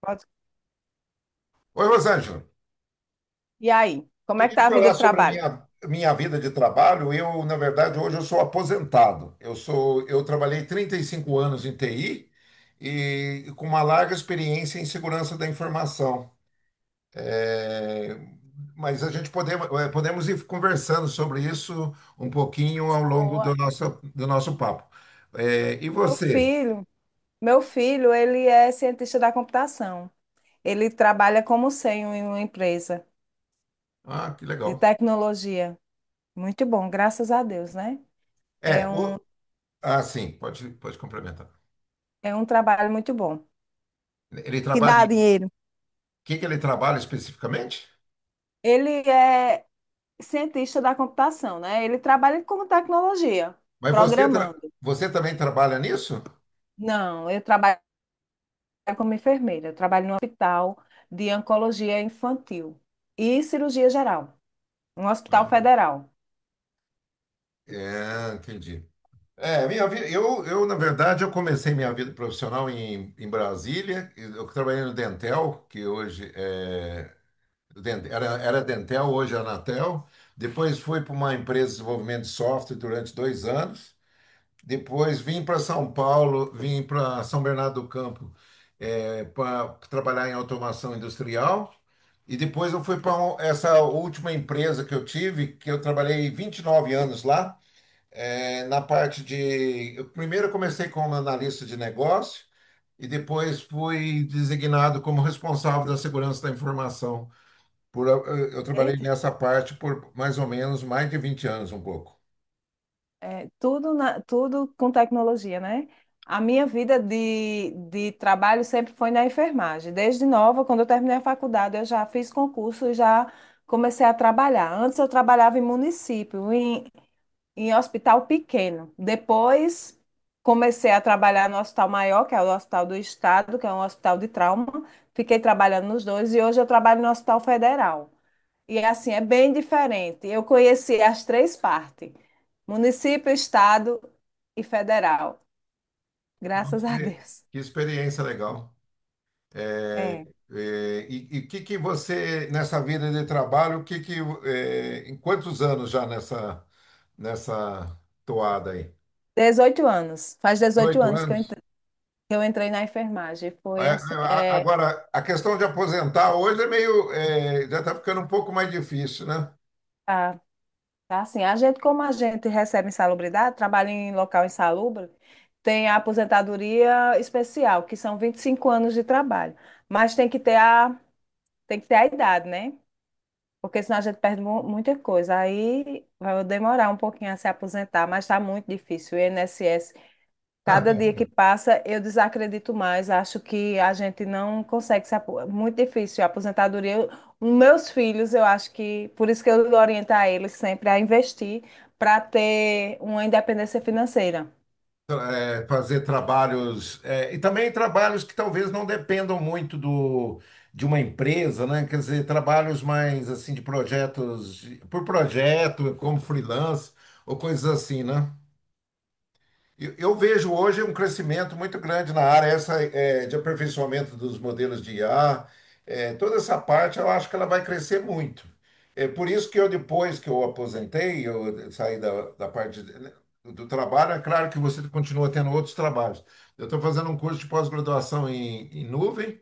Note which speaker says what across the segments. Speaker 1: Pode-
Speaker 2: Oi, Rosângela.
Speaker 1: E aí, como é que
Speaker 2: Queria
Speaker 1: tá a vida
Speaker 2: falar
Speaker 1: do
Speaker 2: sobre a
Speaker 1: trabalho?
Speaker 2: minha vida de trabalho. Eu, na verdade, hoje eu sou aposentado. Eu trabalhei 35 anos em TI e com uma larga experiência em segurança da informação. É, Mas a gente podemos, podemos ir conversando sobre isso um pouquinho ao longo do
Speaker 1: Boa.
Speaker 2: nosso papo. E
Speaker 1: Meu
Speaker 2: você?
Speaker 1: filho, meu filho, ele é cientista da computação. Ele trabalha como sênior em uma empresa
Speaker 2: Ah, que
Speaker 1: de
Speaker 2: legal.
Speaker 1: tecnologia. Muito bom, graças a Deus, né?
Speaker 2: É,
Speaker 1: É, um,
Speaker 2: o, ah, sim, pode complementar.
Speaker 1: é um trabalho muito bom.
Speaker 2: Ele
Speaker 1: Que
Speaker 2: trabalha,
Speaker 1: dá
Speaker 2: em- o
Speaker 1: dinheiro.
Speaker 2: que que ele trabalha especificamente?
Speaker 1: Ele é cientista da computação, né? Ele trabalha com tecnologia,
Speaker 2: Mas você,
Speaker 1: programando.
Speaker 2: você também trabalha nisso?
Speaker 1: Não, eu trabalho como enfermeira. Eu trabalho no hospital de oncologia infantil e cirurgia geral. Um hospital
Speaker 2: Ah,
Speaker 1: federal.
Speaker 2: é, entendi. É, minha vida, na verdade, eu comecei minha vida profissional em, em Brasília. Eu trabalhei no Dentel, que hoje é, Den- era, era Dentel, hoje é Anatel. Depois fui para uma empresa de desenvolvimento de software durante 2 anos. Depois vim para São Paulo, vim para São Bernardo do Campo para trabalhar em automação industrial. E depois eu fui para essa última empresa que eu tive, que eu trabalhei 29 anos lá, na parte de. Eu primeiro eu comecei como analista de negócio e depois fui designado como responsável da segurança da informação. Eu trabalhei
Speaker 1: Eita,
Speaker 2: nessa parte por mais ou menos mais de 20 anos, um pouco.
Speaker 1: é, tudo, na- tudo com tecnologia, né? A minha vida de trabalho sempre foi na enfermagem. Desde nova, quando eu terminei a faculdade, eu já fiz concurso e já comecei a trabalhar. Antes eu trabalhava em município, em, em hospital pequeno. Depois comecei a trabalhar no hospital maior, que é o Hospital do Estado, que é um hospital de trauma. Fiquei trabalhando nos dois e hoje eu trabalho no Hospital Federal. E assim, é bem diferente. Eu conheci as três partes: município, estado e federal.
Speaker 2: Nossa,
Speaker 1: Graças a Deus.
Speaker 2: que experiência legal. É,
Speaker 1: É.
Speaker 2: e o que que você, nessa vida de trabalho, o que que, é, em quantos anos já nessa toada aí?
Speaker 1: 18 anos. Faz dezoito
Speaker 2: 18
Speaker 1: anos que eu
Speaker 2: anos?
Speaker 1: entrei, que eu entrei na enfermagem.
Speaker 2: É,
Speaker 1: Foi assim,
Speaker 2: é,
Speaker 1: é,
Speaker 2: Agora, a questão de aposentar hoje é já está ficando um pouco mais difícil, né?
Speaker 1: tá, tá assim, a gente, como a gente recebe insalubridade, trabalha em local insalubre, tem a aposentadoria especial, que são 25 anos de trabalho. Mas tem que ter a idade, né? Porque senão a gente perde mu- muita coisa. Aí vai demorar um pouquinho a se aposentar, mas está muito difícil. O INSS, cada dia que passa, eu desacredito mais. Acho que a gente não consegue se aposentar. Muito difícil. A aposentadoria, eu- os meus filhos, eu acho que. Por isso que eu oriento a eles sempre a investir para ter uma independência financeira.
Speaker 2: É, fazer trabalhos, é, e também trabalhos que talvez não dependam muito do, de uma empresa, né? Quer dizer, trabalhos mais, assim, de projetos, de- por projeto, como freelance, ou coisas assim, né? Eu vejo hoje um crescimento muito grande na área essa, é, de aperfeiçoamento dos modelos de IA. É, toda essa parte eu acho que ela vai crescer muito. É por isso que eu, depois que eu aposentei, eu saí da, da parte de- né, do trabalho, é claro que você continua tendo outros trabalhos. Eu estou fazendo um curso de pós-graduação em, em nuvem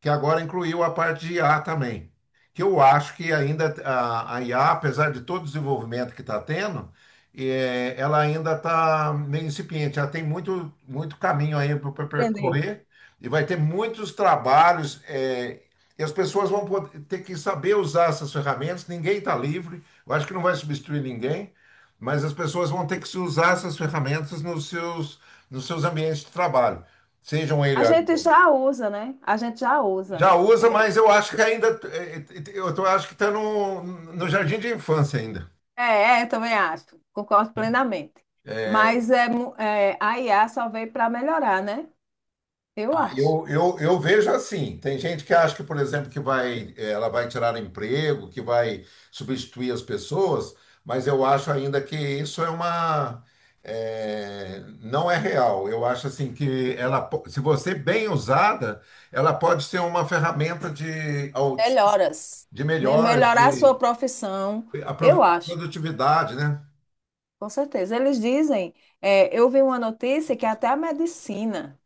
Speaker 2: que agora incluiu a parte de IA também. Que eu acho que ainda a IA, apesar de todo o desenvolvimento que está tendo, ela ainda está meio incipiente. Ela tem muito, muito caminho aí para
Speaker 1: Aprender.
Speaker 2: percorrer e vai ter muitos trabalhos. E as pessoas vão poder- ter que saber usar essas ferramentas. Ninguém está livre. Eu acho que não vai substituir ninguém, mas as pessoas vão ter que se usar essas ferramentas nos seus ambientes de trabalho. Sejam eles
Speaker 1: A gente já usa, né? A gente já usa.
Speaker 2: já usa, mas eu acho que ainda. Acho que está no jardim de infância ainda.
Speaker 1: É, é, eu também acho, concordo plenamente. Mas é, mu- é, a IA só veio para melhorar, né? Eu acho.
Speaker 2: Eu vejo assim, tem gente que acha que, por exemplo, ela vai tirar emprego, que vai substituir as pessoas, mas eu acho ainda que isso é uma, é, não é real. Eu acho assim que se você bem usada, ela pode ser uma ferramenta de,
Speaker 1: Melhoras.
Speaker 2: de
Speaker 1: De
Speaker 2: melhoras,
Speaker 1: melhorar a sua
Speaker 2: de
Speaker 1: profissão,
Speaker 2: a
Speaker 1: eu
Speaker 2: pro-
Speaker 1: acho,
Speaker 2: produtividade, né?
Speaker 1: com certeza. Eles dizem, é, eu vi uma notícia que até a medicina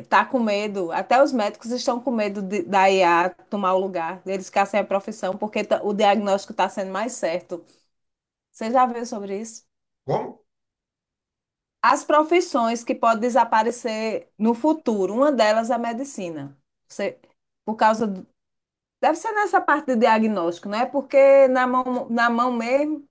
Speaker 1: está com medo, até os médicos estão com medo de, da IA tomar o lugar, deles ficar sem a profissão, porque tá- o diagnóstico está sendo mais certo. Você já viu sobre isso?
Speaker 2: Como?
Speaker 1: As profissões que podem desaparecer no futuro, uma delas é a medicina. Você, por causa do- deve ser nessa parte de diagnóstico, não é? Porque na mão mesmo,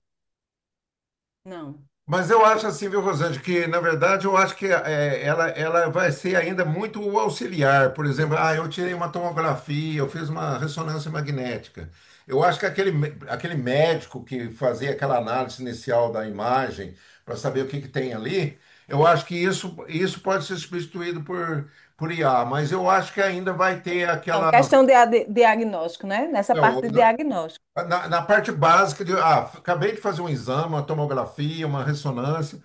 Speaker 1: não.
Speaker 2: Mas eu acho assim, viu, Rosângela, que na verdade eu acho que é, ela vai ser ainda muito o auxiliar. Por exemplo, ah, eu tirei uma tomografia, eu fiz uma ressonância magnética. Eu acho que aquele médico que fazia aquela análise inicial da imagem para saber o que que tem ali, eu acho que isso pode ser substituído por IA, mas eu acho que ainda vai ter
Speaker 1: Então,
Speaker 2: aquela.
Speaker 1: questão de, a- de diagnóstico, né? Nessa
Speaker 2: Não,
Speaker 1: parte de diagnóstico.
Speaker 2: na, na parte básica de, ah, acabei de fazer um exame, uma tomografia, uma ressonância.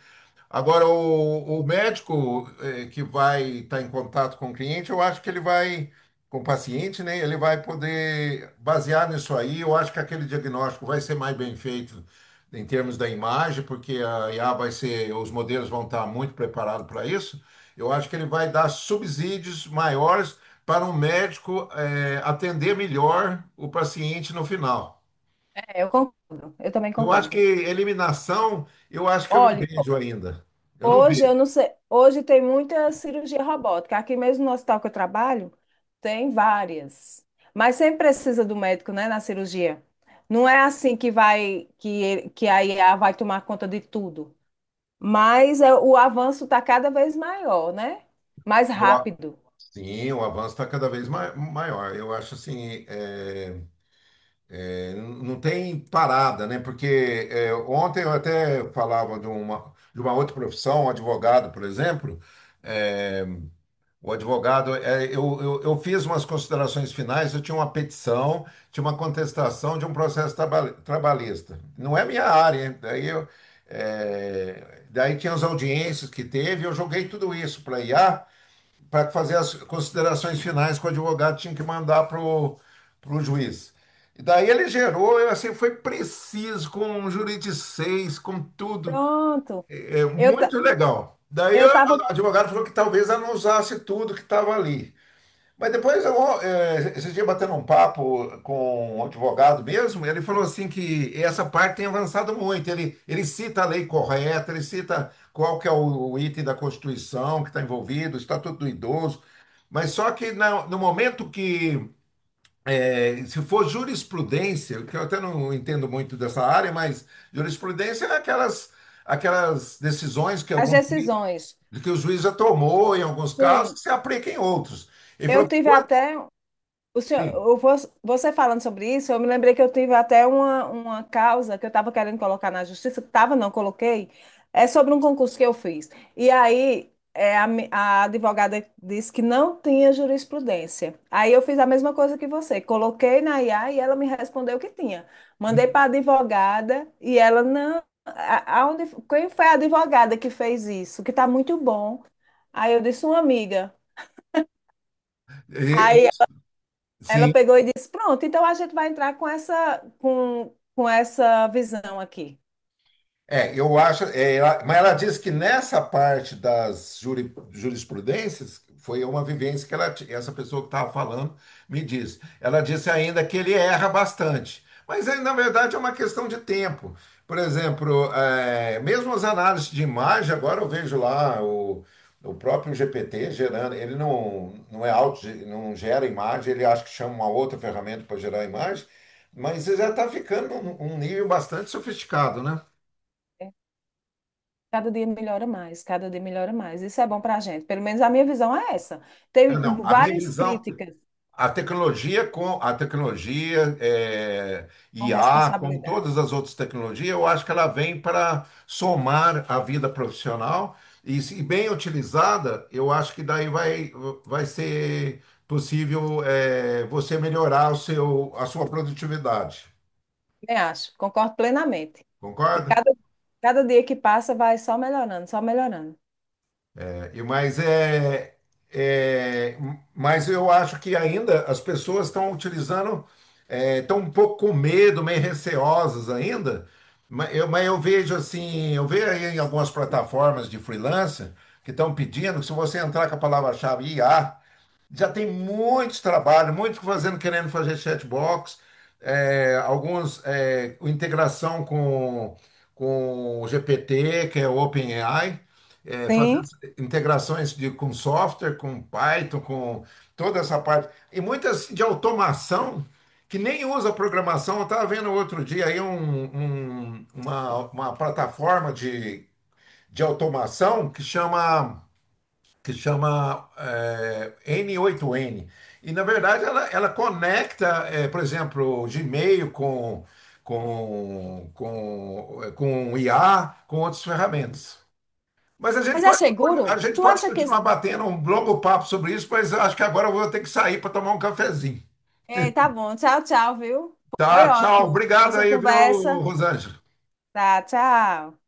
Speaker 2: Agora, o médico que vai estar em contato com o cliente, eu acho que ele vai, com o paciente, né? Ele vai poder basear nisso aí. Eu acho que aquele diagnóstico vai ser mais bem feito em termos da imagem, porque a IA vai ser, os modelos vão estar muito preparados para isso. Eu acho que ele vai dar subsídios maiores para um médico atender melhor o paciente no final.
Speaker 1: É, eu concordo. Eu também
Speaker 2: Eu acho que
Speaker 1: concordo.
Speaker 2: eliminação, eu acho que eu não
Speaker 1: Olhe,
Speaker 2: vejo ainda. Eu não
Speaker 1: hoje eu
Speaker 2: vejo.
Speaker 1: não sei, hoje tem muita cirurgia robótica. Aqui mesmo no hospital que eu trabalho, tem várias. Mas sempre precisa do médico, né, na cirurgia. Não é assim que vai que ele- que a IA vai tomar conta de tudo. Mas é, o avanço está cada vez maior, né? Mais rápido.
Speaker 2: Sim, o avanço está cada vez maior. Eu acho assim, não tem parada, né? Porque é, ontem eu até falava de de uma outra profissão, um advogado, por exemplo. É, o advogado, eu fiz umas considerações finais, eu tinha uma petição, tinha uma contestação de um processo trabalhista. Não é minha área, hein? Daí tinha as audiências que teve, eu joguei tudo isso para IA para fazer as considerações finais que o advogado tinha que mandar para o juiz. E daí ele gerou, eu, assim, foi preciso, com juridicês, com tudo,
Speaker 1: Pronto.
Speaker 2: é, é
Speaker 1: Eu ta-
Speaker 2: muito legal. Daí
Speaker 1: eu tava
Speaker 2: o advogado falou que talvez ela não usasse tudo que estava ali. Mas depois, esse dia batendo um papo com um advogado mesmo, ele falou assim que essa parte tem avançado muito. Ele cita a lei correta, ele cita qual que é o item da Constituição que está envolvido, o Estatuto do Idoso. Mas só que no momento que, se for jurisprudência, que eu até não entendo muito dessa área, mas jurisprudência é aquelas decisões que,
Speaker 1: as decisões.
Speaker 2: que o juiz já tomou em alguns casos que
Speaker 1: Sim.
Speaker 2: se aplica em outros. Ele
Speaker 1: Eu
Speaker 2: falou que
Speaker 1: tive
Speaker 2: quando,
Speaker 1: até o senhor,
Speaker 2: sim,
Speaker 1: eu vou- você falando sobre isso, eu me lembrei que eu tive até uma causa que eu estava querendo colocar na justiça, que estava, não coloquei, é sobre um concurso que eu fiz. E aí é, a, mi- a advogada disse que não tinha jurisprudência. Aí eu fiz a mesma coisa que você, coloquei na IA e ela me respondeu que tinha. Mandei para a advogada e ela não. A- Aonde, quem foi a advogada que fez isso? Que está muito bom. Aí eu disse, uma amiga.
Speaker 2: é, é,
Speaker 1: Aí ela
Speaker 2: sim,
Speaker 1: pegou e disse: Pronto, então a gente vai entrar com essa visão aqui.
Speaker 2: é, eu acho. Mas ela diz que nessa parte das jurisprudências foi uma vivência que essa pessoa que estava falando me disse. Ela disse ainda que ele erra bastante. Mas aí, na verdade, é uma questão de tempo. Por exemplo, é, mesmo as análises de imagem, agora eu vejo lá o próprio GPT gerando, ele não, não é auto, não gera imagem, ele acho que chama uma outra ferramenta para gerar imagem, mas já está ficando um nível bastante sofisticado, né?
Speaker 1: É, cada dia melhora mais, cada dia melhora mais. Isso é bom para a gente. Pelo menos a minha visão é essa.
Speaker 2: É,
Speaker 1: Tem
Speaker 2: não, a minha
Speaker 1: várias
Speaker 2: visão,
Speaker 1: críticas
Speaker 2: a tecnologia com a tecnologia é,
Speaker 1: com
Speaker 2: IA, como
Speaker 1: responsabilidade.
Speaker 2: todas as outras tecnologias, eu acho que ela vem para somar a vida profissional e, se bem utilizada, eu acho que daí vai, vai ser possível é, você melhorar o seu, a sua produtividade.
Speaker 1: Eu acho, concordo plenamente. E
Speaker 2: Concorda?
Speaker 1: cada, cada dia que passa vai só melhorando, só melhorando.
Speaker 2: Mas é, mas eu acho que ainda as pessoas estão utilizando, é, estão um pouco com medo, meio receosas ainda. Mas eu vejo assim, eu vejo aí em algumas plataformas de freelancer que estão pedindo que se você entrar com a palavra-chave I a já tem muitos trabalhos, muitos fazendo, querendo fazer chatbox, alguns é, com integração com o GPT, que é o OpenAI, é, fazendo
Speaker 1: Sim.
Speaker 2: integrações de, com software, com Python, com toda essa parte. E muitas de automação que nem usa programação. Eu estava vendo outro dia aí uma plataforma de automação que chama N8N. E, na verdade, ela conecta, por exemplo, o Gmail com o IA, com outras ferramentas. Mas a gente
Speaker 1: Mas é
Speaker 2: pode, a
Speaker 1: seguro?
Speaker 2: gente
Speaker 1: Tu
Speaker 2: pode
Speaker 1: acha que.
Speaker 2: continuar batendo um longo papo sobre isso, mas eu acho que agora eu vou ter que sair para tomar um cafezinho.
Speaker 1: É tá bom, tchau, tchau, viu? Foi
Speaker 2: Tá, tchau.
Speaker 1: ótimo.
Speaker 2: Obrigado
Speaker 1: Nossa
Speaker 2: aí, viu,
Speaker 1: conversa.
Speaker 2: Rosângela?
Speaker 1: Tá, tchau.